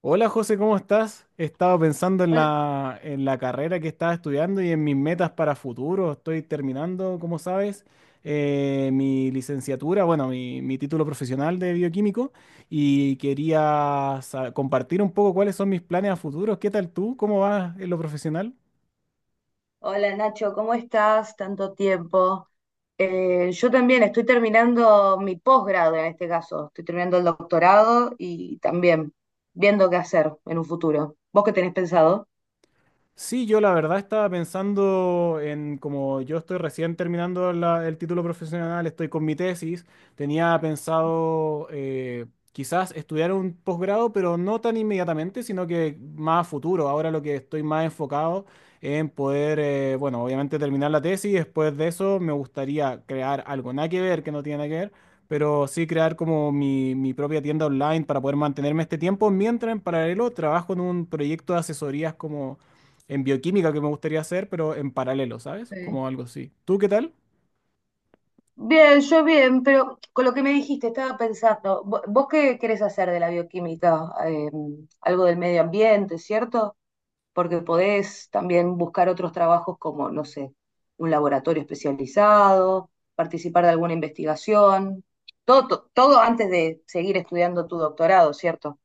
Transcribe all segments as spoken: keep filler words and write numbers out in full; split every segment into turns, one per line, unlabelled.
Hola José, ¿cómo estás? He estado pensando en
Hol-
la, en la carrera que estaba estudiando y en mis metas para futuro. Estoy terminando, como sabes, eh, mi licenciatura, bueno, mi, mi título profesional de bioquímico y quería sa- compartir un poco cuáles son mis planes a futuro. ¿Qué tal tú? ¿Cómo vas en lo profesional?
Hola Nacho, ¿cómo estás? Tanto tiempo. Eh, yo también estoy terminando mi posgrado. En este caso, estoy terminando el doctorado y también viendo qué hacer en un futuro. ¿Vos qué tenés pensado?
Sí, yo la verdad estaba pensando en como yo estoy recién terminando la- el título profesional, estoy con mi tesis, tenía pensado eh, quizás estudiar un posgrado, pero no tan inmediatamente, sino que más a futuro. Ahora lo que estoy más enfocado en poder, eh, bueno, obviamente terminar la tesis, después de eso me gustaría crear algo, nada que ver, que no tiene nada que ver, pero sí crear como mi, mi propia tienda online para poder mantenerme este tiempo, mientras en paralelo trabajo en un proyecto de asesorías como en bioquímica que me gustaría hacer, pero en paralelo, ¿sabes?
Sí.
Como algo así. ¿Tú qué tal?
Bien, yo bien, pero con lo que me dijiste estaba pensando, vo- ¿vos qué querés hacer de la bioquímica? Eh, algo del medio ambiente, ¿cierto? Porque podés también buscar otros trabajos como, no sé, un laboratorio especializado, participar de alguna investigación, todo, to- todo antes de seguir estudiando tu doctorado, ¿cierto?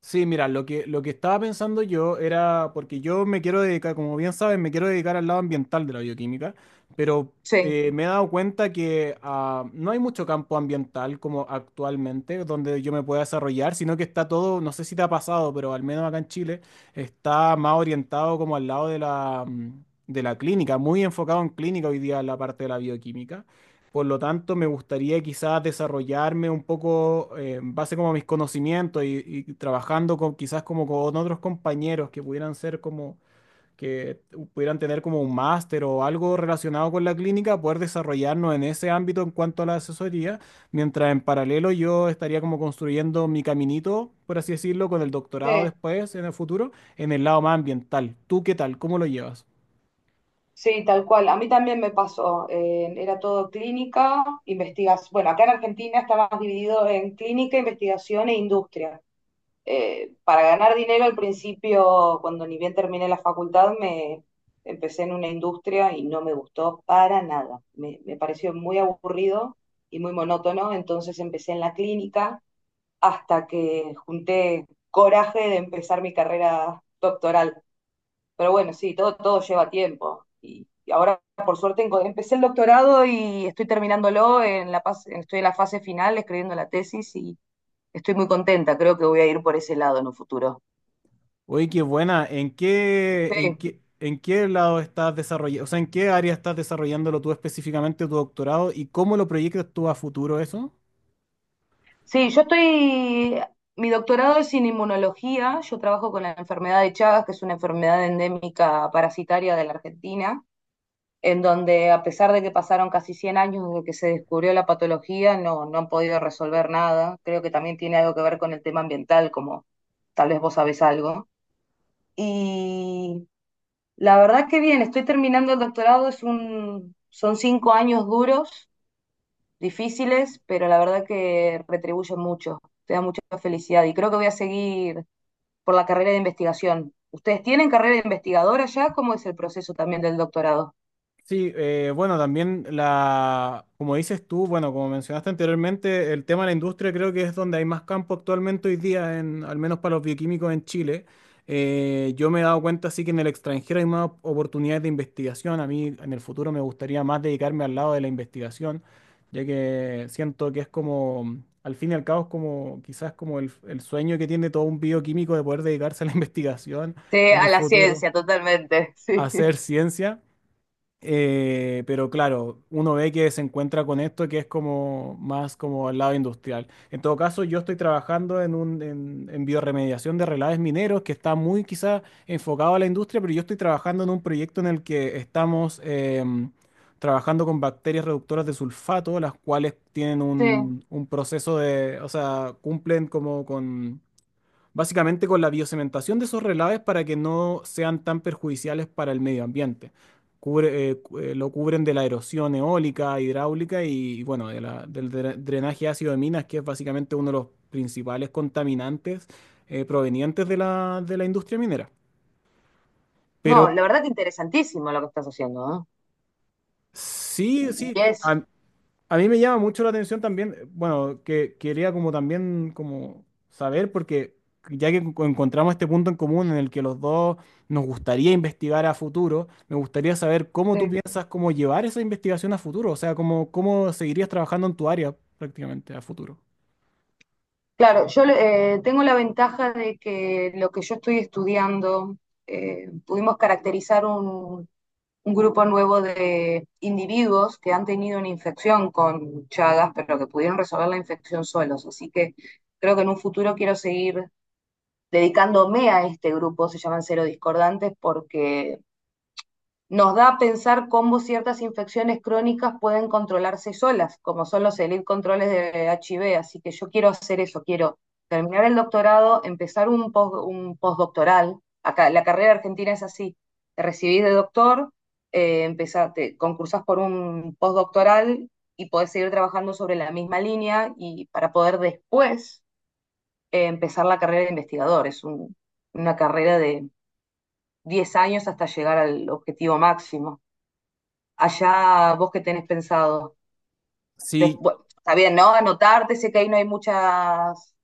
Sí, mira, lo que, lo que estaba pensando yo era, porque yo me quiero dedicar, como bien sabes, me quiero dedicar al lado ambiental de la bioquímica, pero
Sí.
eh, me he dado cuenta que ah, no hay mucho campo ambiental como actualmente donde yo me pueda desarrollar, sino que está todo, no sé si te ha pasado, pero al menos acá en Chile está más orientado como al lado de la, mm, de la clínica, muy enfocado en clínica hoy día la parte de la bioquímica. Por lo tanto, me gustaría quizás desarrollarme un poco eh, en base como a mis conocimientos y, y trabajando con quizás como con otros compañeros que pudieran ser como que pudieran tener como un máster o algo relacionado con la clínica, poder desarrollarnos en ese ámbito en cuanto a la asesoría, mientras en paralelo yo estaría como construyendo mi caminito, por así decirlo, con el
Sí,
doctorado después en el futuro, en el lado más ambiental. ¿Tú qué tal? ¿Cómo lo llevas?
sí, tal cual. A mí también me pasó. eh, era todo clínica, investigación. Bueno, acá en Argentina está más dividido en clínica, investigación e industria. eh, para ganar dinero al principio, cuando ni bien terminé la facultad, me empecé en una industria y no me gustó para nada. Me, me pareció muy aburrido y muy monótono, entonces empecé en la clínica hasta que junté coraje de empezar mi carrera doctoral. Pero bueno, sí, todo, todo lleva tiempo. Y, y ahora, por suerte, empecé el doctorado y estoy terminándolo, en la, pas- estoy en la fase final escribiendo la tesis y estoy muy contenta. Creo que voy a ir por ese lado en un futuro.
Oye, qué buena. ¿En qué, en
Sí,
qué, en qué lado estás desarrollando, o sea, en qué área estás desarrollándolo tú específicamente tu doctorado y cómo lo proyectas tú a futuro eso?
sí, yo estoy, mi doctorado es en inmunología. Yo trabajo con la enfermedad de Chagas, que es una enfermedad endémica parasitaria de la Argentina, en donde a pesar de que pasaron casi cien años desde que se descubrió la patología, no, no han podido resolver nada. Creo que también tiene algo que ver con el tema ambiental, como tal vez vos sabés algo. Y la verdad que bien, estoy terminando el doctorado, es un, son cinco años duros, difíciles, pero la verdad que retribuyen mucho, te da mucha felicidad y creo que voy a seguir por la carrera de investigación. ¿Ustedes tienen carrera de investigadora ya? ¿Cómo es el proceso también del doctorado?
Sí, eh, bueno, también la, como dices tú, bueno, como mencionaste anteriormente, el tema de la industria creo que es donde hay más campo actualmente hoy día, en, al menos para los bioquímicos en Chile. Eh, yo me he dado cuenta sí que en el extranjero hay más oportunidades de investigación. A mí en el futuro me gustaría más dedicarme al lado de la investigación, ya que siento que es como, al fin y al cabo, es como quizás como el, el sueño que tiene todo un bioquímico de poder dedicarse a la investigación
Sí,
en un
a la
futuro,
ciencia, totalmente,
a
sí.
hacer ciencia. Eh, pero claro, uno ve que se encuentra con esto que es como más como al lado industrial. En todo caso, yo estoy trabajando en un en, en biorremediación de relaves mineros que está muy quizá enfocado a la industria, pero yo estoy trabajando en un proyecto en el que estamos em, trabajando con bacterias reductoras de sulfato, las cuales tienen
Sí,
un, un proceso de, o sea, cumplen como con básicamente con la biocementación de esos relaves para que no sean tan perjudiciales para el medio ambiente. Cubre- eh, cu- eh, lo cubren de la erosión eólica, hidráulica y, bueno, de la- del dre- drenaje ácido de minas, que es básicamente uno de los principales contaminantes eh, provenientes de la, de la industria minera. Pero
no, la verdad que interesantísimo lo que estás haciendo, ¿no?
sí,
Y
sí,
es...
a, A mí me llama mucho la atención también, eh, bueno, que quería como también como saber, porque ya que enco- encontramos este punto en común en el que los dos nos gustaría investigar a futuro, me gustaría saber cómo tú
Sí.
piensas cómo llevar esa investigación a futuro, o sea, cómo, cómo seguirías trabajando en tu área prácticamente a futuro.
Claro, yo eh, tengo la ventaja de que lo que yo estoy estudiando, eh, pudimos caracterizar un, un grupo nuevo de individuos que han tenido una infección con Chagas, pero que pudieron resolver la infección solos. Así que creo que en un futuro quiero seguir dedicándome a este grupo, se llaman Cero Discordantes, porque nos da a pensar cómo ciertas infecciones crónicas pueden controlarse solas, como son los elite controles de H I V. Así que yo quiero hacer eso, quiero terminar el doctorado, empezar un, post, un postdoctoral. Acá, la carrera argentina es así, te recibís de doctor, eh, empezás, te concursás por un postdoctoral y podés seguir trabajando sobre la misma línea y para poder después eh, empezar la carrera de investigador. Es un, una carrera de diez años hasta llegar al objetivo máximo. Allá vos qué tenés pensado.
Sí,
Después, está bien, ¿no? Anotarte, sé que ahí no hay muchas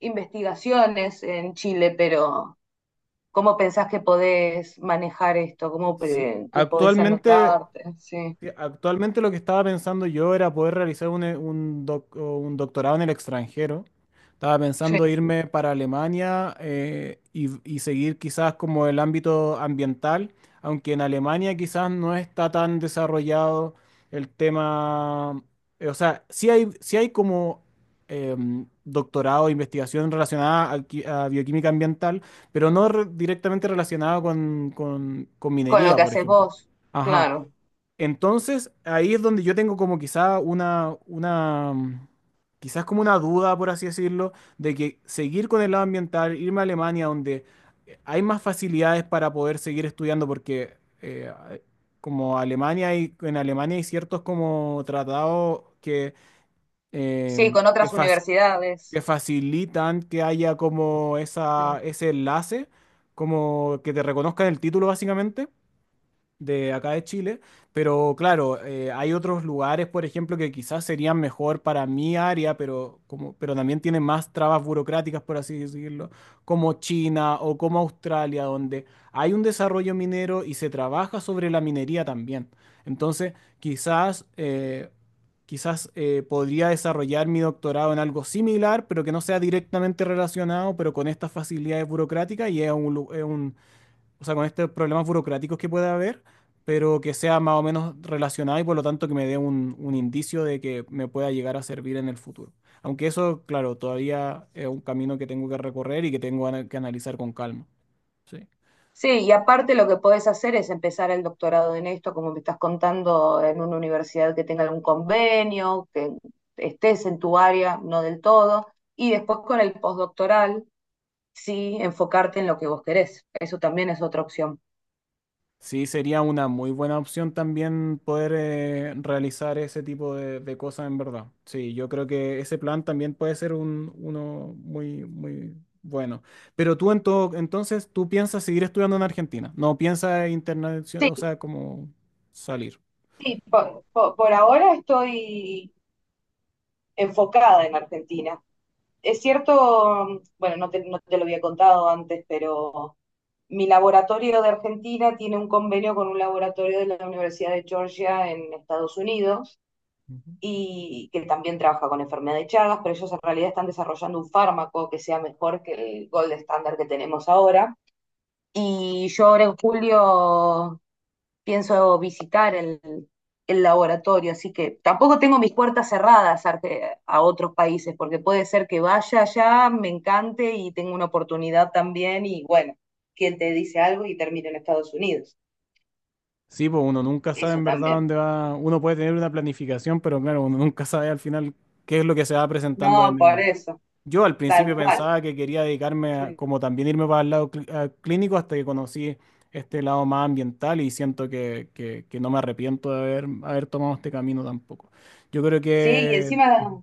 investigaciones en Chile, pero ¿cómo pensás que podés manejar esto? ¿Cómo
sí,
pe- que podés
actualmente
anotarte? Sí,
Sí, Actualmente lo que estaba pensando yo era poder realizar un, e- un doc- o un doctorado en el extranjero. Estaba
sí,
pensando irme para Alemania eh, y, y seguir quizás como el ámbito ambiental, aunque en Alemania quizás no está tan desarrollado el tema, eh, o sea, sí hay, sí hay como em, doctorado, investigación relacionada a, qui- a bioquímica ambiental, pero no re- directamente relacionada con, con con
con lo
minería,
que
por
haces
ejemplo.
vos,
Ajá.
claro.
Entonces, ahí es donde yo tengo como quizá una, una, mm, quizás como una duda, por así decirlo, de que seguir con el lado ambiental, irme a Alemania, donde eh, hay más facilidades para poder seguir estudiando, porque eh, a- como Alemania hay, en Alemania hay ciertos como tratados que,
Sí,
em,
con
que,
otras
fac-
universidades.
que facilitan que haya como
Sí.
esa, ese enlace, como que te reconozcan el título básicamente de acá de Chile, pero claro, eh, hay otros lugares, por ejemplo, que quizás serían mejor para mi área, pero, como, pero también tienen más trabas burocráticas, por así decirlo, como China o como Australia, donde hay un desarrollo minero y se trabaja sobre la minería también. Entonces, quizás, eh, quizás eh, podría desarrollar mi doctorado en algo similar, pero que no sea directamente relacionado, pero con estas facilidades burocráticas y es un, lu- es un, o sea, con estos problemas burocráticos que pueda haber, pero que sea más o menos relacionado y por lo tanto que me dé un, un indicio de que me pueda llegar a servir en el futuro. Aunque eso, claro, todavía es un camino que tengo que recorrer y que tengo ana- que analizar con calma. Sí.
Sí, y aparte lo que podés hacer es empezar el doctorado en esto, como me estás contando, en una universidad que tenga algún convenio, que estés en tu área, no del todo, y después con el postdoctoral, sí, enfocarte en lo que vos querés. Eso también es otra opción.
Sí, sería una muy buena opción también poder eh, realizar ese tipo de, de cosas en verdad. Sí, yo creo que ese plan también puede ser un, uno muy, muy bueno. Pero tú en todo, entonces, ¿tú piensas seguir estudiando en Argentina? ¿No piensas internacional, o
Sí,
sea, como salir?
por, por- por ahora estoy enfocada en Argentina. Es cierto, bueno, no te, no te lo había contado antes, pero mi laboratorio de Argentina tiene un convenio con un laboratorio de la Universidad de Georgia en Estados Unidos
Ujú.
y que también trabaja con enfermedad de Chagas, pero ellos en realidad están desarrollando un fármaco que sea mejor que el gold estándar que tenemos ahora. Y yo ahora en julio pienso visitar el, el laboratorio, así que tampoco tengo mis puertas cerradas a, a otros países, porque puede ser que vaya allá, me encante y tenga una oportunidad también, y bueno, quien te dice algo y termina en Estados Unidos,
Sí, pues uno nunca sabe
eso
en verdad
también.
dónde va. Uno puede tener una planificación, pero claro, uno nunca sabe al final qué es lo que se va presentando
No,
en,
por
el.
eso,
Yo al
tal
principio
cual.
pensaba que quería dedicarme a-
Sí,
como también irme para el lado cli- a- clínico hasta que conocí este lado más ambiental y siento que, que- que no me arrepiento de haber, haber tomado este camino tampoco. Yo creo
sí y
que...
encima,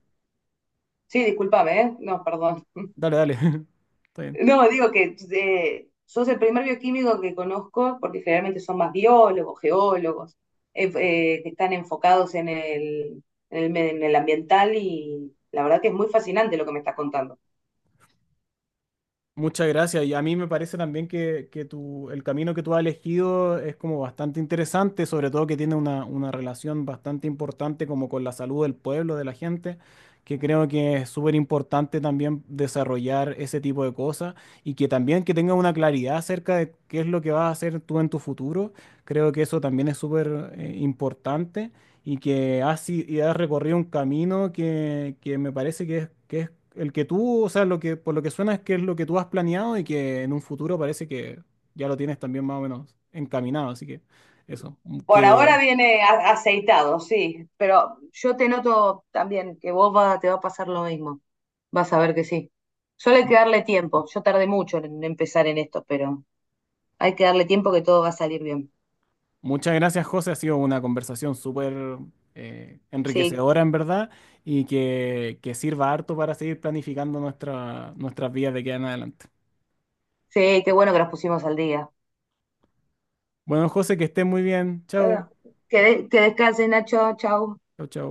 sí, discúlpame, ¿eh? No, perdón.
Dale, dale. Está bien.
No, digo que eh, sos el primer bioquímico que conozco, porque generalmente son más biólogos, geólogos, eh, eh, que están enfocados en el, en el, me- en el ambiental y la verdad que es muy fascinante lo que me estás contando.
Muchas gracias. Y a mí me parece también que, que tu, el camino que tú has elegido es como bastante interesante, sobre todo que tiene una, una relación bastante importante como con la salud del pueblo, de la gente, que creo que es súper importante también desarrollar ese tipo de cosas y que también que tenga una claridad acerca de qué es lo que vas a hacer tú en tu futuro. Creo que eso también es súper eh, importante y que has, i- y has recorrido un camino que, que me parece que es, que es el que tú, o sea, lo que, por lo que suena es que es lo que tú has planeado y que en un futuro parece que ya lo tienes también más o menos encaminado. Así que eso, m-
Por
que
ahora viene a- aceitado, sí, pero yo te noto también que vos va- te va a pasar lo mismo, vas a ver que sí. Solo hay que darle tiempo, yo tardé mucho en empezar en esto, pero hay que darle tiempo que todo va a salir bien.
muchas gracias, José. Ha sido una conversación súper eh,
Sí,
enriquecedora en verdad y que, que sirva harto para seguir planificando nuestra, nuestras vidas de aquí en adelante.
sí, qué bueno que nos pusimos al día.
Bueno, José, que estés muy bien. Chao.
Bueno, que, de- que descanse, Nacho. Chao.
Chao, chao.